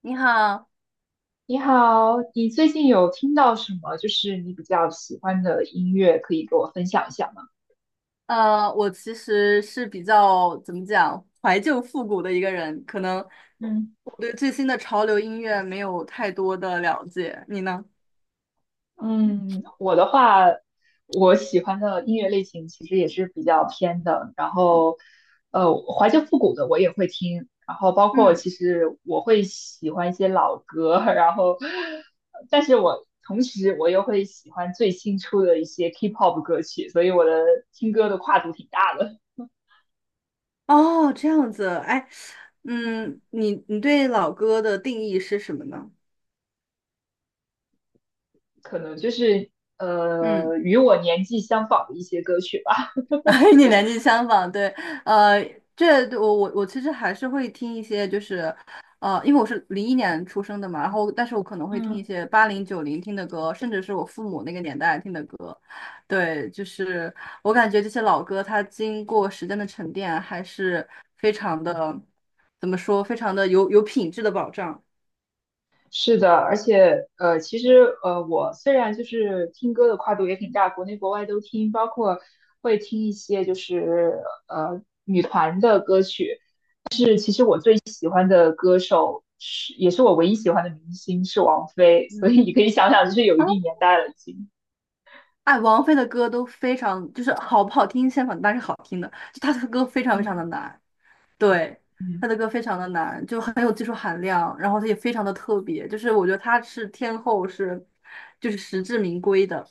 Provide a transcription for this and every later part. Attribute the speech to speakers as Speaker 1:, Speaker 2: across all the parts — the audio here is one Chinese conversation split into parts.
Speaker 1: 你好，
Speaker 2: 你好，你最近有听到什么就是你比较喜欢的音乐，可以给我分享一下吗？
Speaker 1: 我其实是比较怎么讲怀旧复古的一个人，可能
Speaker 2: 嗯
Speaker 1: 我对最新的潮流音乐没有太多的了解。你呢？
Speaker 2: 嗯，我的话，我喜欢的音乐类型其实也是比较偏的，然后，怀旧复古的我也会听，然后包括
Speaker 1: 嗯，
Speaker 2: 其实我会喜欢一些老歌，然后，但是我同时我又会喜欢最新出的一些 K-pop 歌曲，所以我的听歌的跨度挺大的。
Speaker 1: 哦，这样子，哎，嗯，你对老歌的定义是什么呢？
Speaker 2: 可能就是
Speaker 1: 嗯。
Speaker 2: 与我年纪相仿的一些歌曲吧。
Speaker 1: 与你年纪相仿，对，呃，这我其实还是会听一些，就是，呃，因为我是零一年出生的嘛，然后但是我可能会听一
Speaker 2: 嗯
Speaker 1: 些八零九零听的歌，甚至是我父母那个年代听的歌，对，就是我感觉这些老歌它经过时间的沉淀，还是非常的，怎么说，非常的有品质的保障。
Speaker 2: 是的，而且其实我虽然就是听歌的跨度也挺大，国内国外都听，包括会听一些就是女团的歌曲，首是也是我唯一喜欢的明星是王菲，所
Speaker 1: 嗯。
Speaker 2: 以你可以想想，就是有
Speaker 1: 啊，
Speaker 2: 一定年代了已经。
Speaker 1: 哎，王菲的歌都非常，就是好不好听，相反，但是好听的，就她的歌非常非常
Speaker 2: 嗯。
Speaker 1: 的难。对，
Speaker 2: 嗯。
Speaker 1: 他的歌非常的难，就很有技术含量，然后他也非常的特别，就是我觉得他是天后是，就是实至名归的。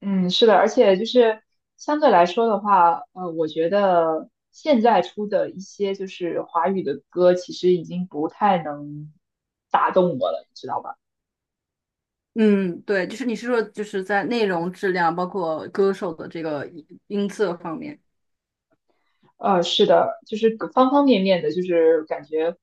Speaker 2: 嗯，是的，而且就是相对来说的话，我觉得现在出的一些就是华语的歌，其实已经不太能打动我了，你知道吧？
Speaker 1: 嗯，对，就是你是说就是在内容质量，包括歌手的这个音色方面
Speaker 2: 是的，就是方方面面的，就是感觉，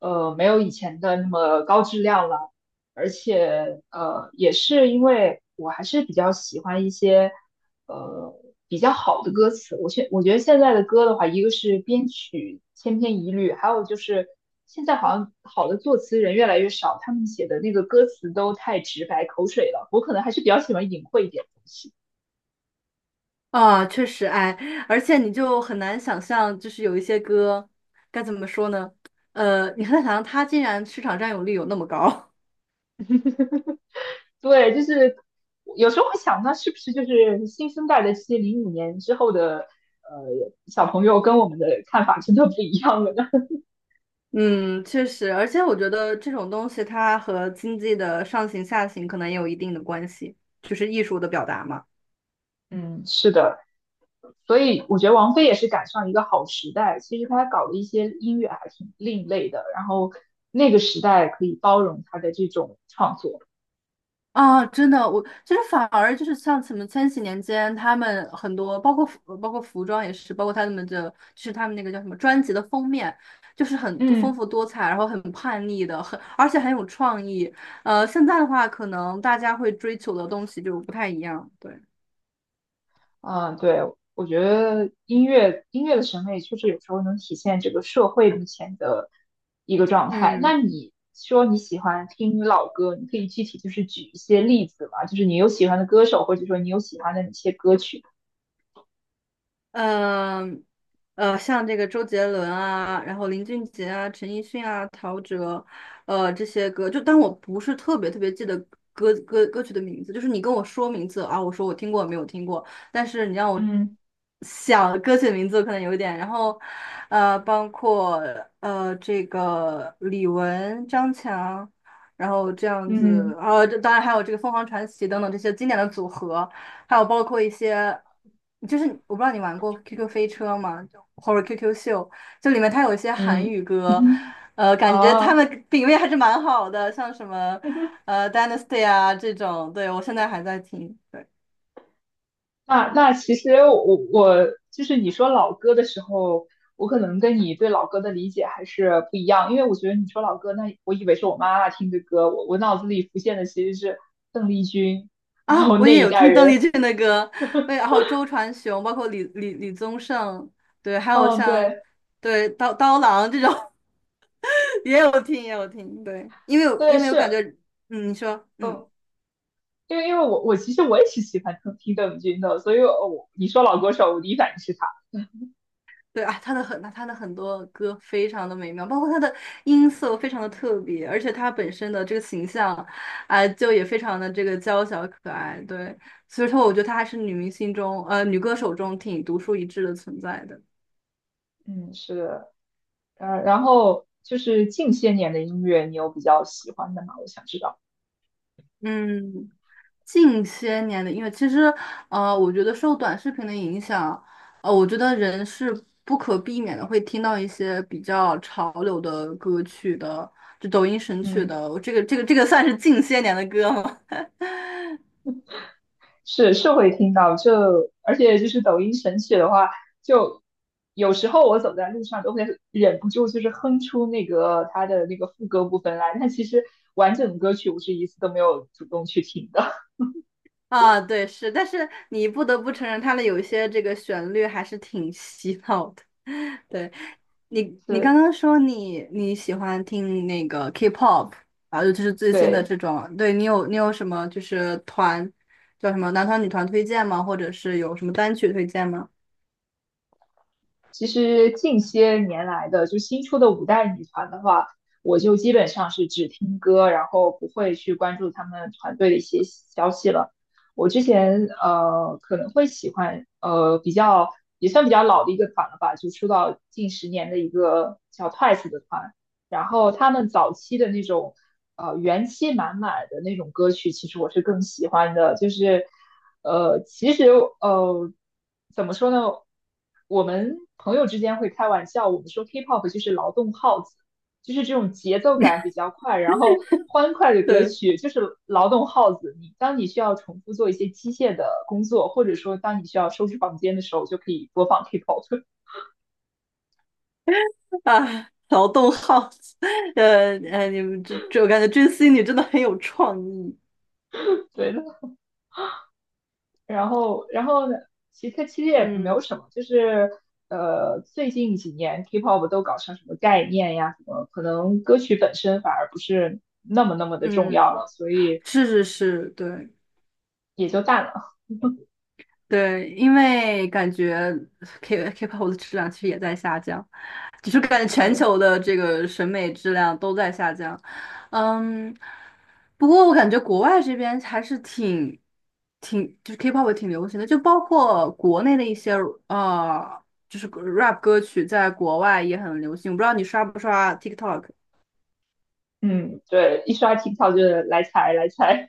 Speaker 2: 没有以前的那么高质量了，而且，也是因为我还是比较喜欢一些，呃，比较好的歌词。我觉得现在的歌的话，一个是编曲千篇一律，还有就是现在好像好的作词人越来越少，他们写的那个歌词都太直白、口水了。我可能还是比较喜欢隐晦一点的东西。
Speaker 1: 啊，确实，哎，而且你就很难想象，就是有一些歌该怎么说呢？呃，你很难想象他竟然市场占有率有那么高。
Speaker 2: 对，就是有时候会想，那是不是就是新生代的这些05年之后的呃小朋友跟我们的看法真的不一样了呢？
Speaker 1: 嗯，确实，而且我觉得这种东西它和经济的上行下行可能也有一定的关系，就是艺术的表达嘛。
Speaker 2: 嗯是的，所以我觉得王菲也是赶上一个好时代。其实她搞的一些音乐还挺另类的，然后那个时代可以包容她的这种创作。
Speaker 1: 啊，真的，我其实反而就是像什么千禧年间，他们很多包括服装也是，包括他们的就是他们那个叫什么专辑的封面，就是很多丰
Speaker 2: 嗯。
Speaker 1: 富多彩，然后很叛逆的，而且很有创意。呃，现在的话，可能大家会追求的东西就不太一样，对，
Speaker 2: 嗯，对，我觉得音乐的审美确实有时候能体现这个社会目前的一个状态。
Speaker 1: 嗯。
Speaker 2: 那你说你喜欢听老歌，你可以具体就是举一些例子嘛？就是你有喜欢的歌手，或者说你有喜欢的哪些歌曲？
Speaker 1: 嗯，呃，像这个周杰伦啊，然后林俊杰啊、陈奕迅啊、陶喆，呃，这些歌，就当我不是特别记得歌曲的名字，就是你跟我说名字啊，我说我听过没有听过，但是你让我
Speaker 2: 嗯
Speaker 1: 想歌曲的名字，可能有一点。然后，呃，包括呃这个李玟、张强，然后这样
Speaker 2: 嗯
Speaker 1: 子，啊，这当然还有这个凤凰传奇等等这些经典的组合。还有包括一些，就是我不知道你玩过 QQ 飞车吗？就或者 QQ 秀，就里面它有一些韩
Speaker 2: 嗯，
Speaker 1: 语 歌，
Speaker 2: 嗯，
Speaker 1: 呃，感觉他
Speaker 2: 哦，
Speaker 1: 们品味还是蛮好的，像什么 呃 Dynasty 啊这种，对我现在还在听。对
Speaker 2: 那其实我就是你说老歌的时候，我可能跟你对老歌的理解还是不一样，因为我觉得你说老歌，那我以为是我妈妈听的歌，我脑子里浮现的其实是邓丽君，
Speaker 1: 啊，
Speaker 2: 然后
Speaker 1: 我
Speaker 2: 那
Speaker 1: 也
Speaker 2: 一
Speaker 1: 有
Speaker 2: 代
Speaker 1: 听邓丽
Speaker 2: 人。
Speaker 1: 君的歌，我也然后周传雄，包括李宗盛，对，还有
Speaker 2: 嗯，
Speaker 1: 像
Speaker 2: 对
Speaker 1: 对刀郎这种 也有听，对，
Speaker 2: 对
Speaker 1: 因为我感
Speaker 2: 是，
Speaker 1: 觉，嗯，你说，嗯。
Speaker 2: 嗯，因为我其实我也是喜欢听听邓丽君的，所以我你说老歌手，我第一反应是她。
Speaker 1: 对啊，他的很多歌非常的美妙，包括他的音色非常的特别，而且他本身的这个形象，啊、就也非常的这个娇小可爱。对，所以说我觉得她还是女明星中，呃，女歌手中挺独树一帜的存在的。
Speaker 2: 嗯，是的，然后就是近些年的音乐，你有比较喜欢的吗？我想知道。
Speaker 1: 嗯，近些年的音乐，其实，呃，我觉得受短视频的影响，呃，我觉得人是不可避免的会听到一些比较潮流的歌曲的，就抖音神曲
Speaker 2: 嗯。
Speaker 1: 的。这个算是近些年的歌吗？
Speaker 2: 是会听到，就而且就是抖音神曲的话，就有时候我走在路上都会忍不住就是哼出那个它的那个副歌部分来，但其实完整的歌曲我是一次都没有主动去听的。
Speaker 1: 啊，对，是，但是你不得不承认，它的有一些这个旋律还是挺洗脑的。对，你刚
Speaker 2: 是，
Speaker 1: 刚说你喜欢听那个 K-pop，然后尤其是最新的
Speaker 2: 对。
Speaker 1: 这种，对你有什么就是团叫什么男团女团推荐吗？或者是有什么单曲推荐吗？
Speaker 2: 其实近些年来的，就新出的五代女团的话，我就基本上是只听歌，然后不会去关注他们团队的一些消息了。我之前可能会喜欢比较也算比较老的一个团了吧，就出道近10年的一个叫 Twice 的团，然后他们早期的那种元气满满的那种歌曲，其实我是更喜欢的。就是其实呃，怎么说呢？我们朋友之间会开玩笑，我们说 K-pop 就是劳动号子，就是这种节奏感比较快，然后欢快的歌
Speaker 1: 对
Speaker 2: 曲，就是劳动号子。你当你需要重复做一些机械的工作，或者说当你需要收拾房间的时候，就可以播放 K-pop。
Speaker 1: 啊，劳动号，你们我感觉追星你真的很有创意。
Speaker 2: 对，然后呢？其实它其实也没
Speaker 1: 嗯
Speaker 2: 有什么，就是最近几年 K-pop 都搞成什么概念呀，什么可能歌曲本身反而不是那么的重要
Speaker 1: 嗯，
Speaker 2: 了，所以
Speaker 1: 是是是，对。
Speaker 2: 也就淡了。
Speaker 1: 对，因为感觉 K-pop 的质量其实也在下降，就是感觉全
Speaker 2: 是，
Speaker 1: 球的这个审美质量都在下降。嗯，不过我感觉国外这边还是挺就是 K-pop 也挺流行的，就包括国内的一些呃，就是 rap 歌曲在国外也很流行。我不知道你刷不刷 TikTok？
Speaker 2: 嗯，对，一刷 TikTok 就是来踩来踩，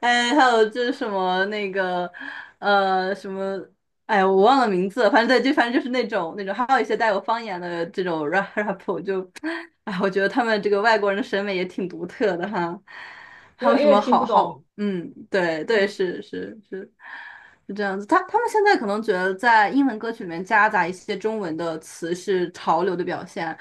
Speaker 1: 哎，还有就是什么那个，呃，什么，哎，我忘了名字了反正对，就反正就是那种，还有一些带有方言的这种 rap，哎，我觉得他们这个外国人的审美也挺独特的哈。
Speaker 2: 因
Speaker 1: 还有
Speaker 2: 为
Speaker 1: 什
Speaker 2: 因为
Speaker 1: 么
Speaker 2: 听
Speaker 1: 好
Speaker 2: 不
Speaker 1: 好，
Speaker 2: 懂，
Speaker 1: 嗯，对对，
Speaker 2: 嗯
Speaker 1: 是是是，是这样子。他们现在可能觉得在英文歌曲里面夹杂一些中文的词是潮流的表现，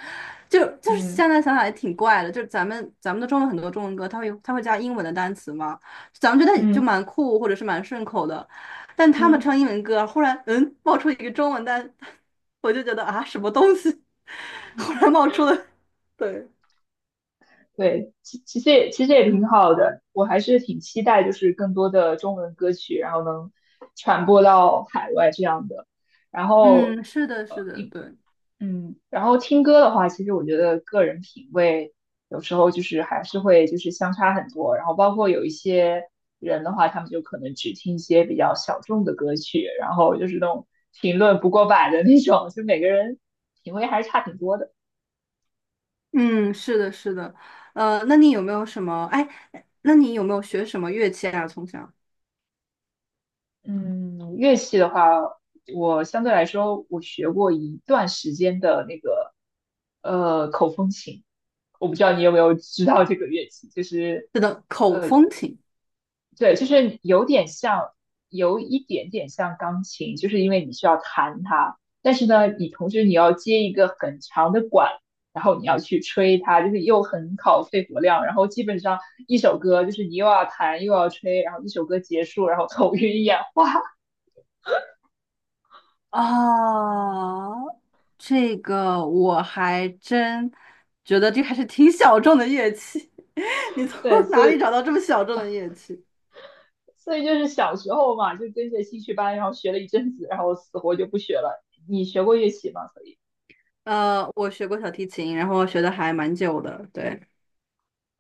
Speaker 1: 就就是
Speaker 2: 嗯
Speaker 1: 现在想想也挺怪的，就是咱们的中文很多中文歌，它会加英文的单词吗？咱们觉得就
Speaker 2: 嗯
Speaker 1: 蛮酷或者是蛮顺口的，但他们
Speaker 2: 嗯，
Speaker 1: 唱英文歌，忽然嗯冒出一个中文单，我就觉得啊什么东西，忽然冒出了，对，
Speaker 2: 对，其实也挺好的，我还是挺期待就是更多的中文歌曲，然后能传播到海外这样的。然后
Speaker 1: 嗯，是的，是的，对，
Speaker 2: 嗯，然后听歌的话，其实我觉得个人品味有时候就是还是会就是相差很多，然后包括有一些人的话，他们就可能只听一些比较小众的歌曲，然后就是那种评论不过百的那种，就每个人品味还是差挺多的。
Speaker 1: 嗯，是的，是的，呃，那你有没有什么？哎，那你有没有学什么乐器啊？从小，
Speaker 2: 嗯，乐器的话，我相对来说我学过一段时间的那个口风琴，我不知道你有没有知道这个乐器，就是
Speaker 1: 是的，口风琴。
Speaker 2: 对，就是有点像，有一点点像钢琴，就是因为你需要弹它，但是呢，你同时你要接一个很长的管，然后你要去吹它，就是又很考肺活量，然后基本上一首歌就是你又要弹又要吹，然后一首歌结束，然后头晕眼花。
Speaker 1: 啊，这个我还真觉得这还是挺小众的乐器。你从
Speaker 2: 对，所
Speaker 1: 哪里
Speaker 2: 以
Speaker 1: 找到这么小众的乐器？
Speaker 2: 所以就是小时候嘛，就跟着兴趣班，然后学了一阵子，然后死活就不学了。你学过乐器吗？所以，
Speaker 1: 呃，我学过小提琴，然后学的还蛮久的，对，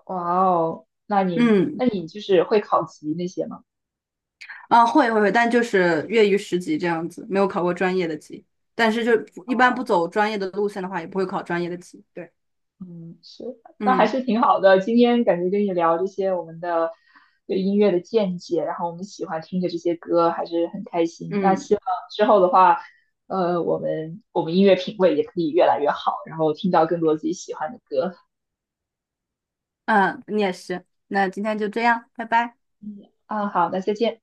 Speaker 2: 哇哦，那你
Speaker 1: 嗯，
Speaker 2: 那你就是会考级那些吗？
Speaker 1: 啊，会会会，但就是业余十级这样子，没有考过专业的级，但是就一般不
Speaker 2: 哦。
Speaker 1: 走专业的路线的话，也不会考专业的级，对，
Speaker 2: 嗯，是，那还
Speaker 1: 嗯
Speaker 2: 是挺好的。今天感觉跟你聊这些我们的对音乐的见解，然后我们喜欢听的这些歌，还是很开心。那
Speaker 1: 嗯
Speaker 2: 希望之后的话，我们音乐品味也可以越来越好，然后听到更多自己喜欢的歌。
Speaker 1: 嗯，你也是，那今天就这样，拜拜。
Speaker 2: 嗯，啊，好，那再见。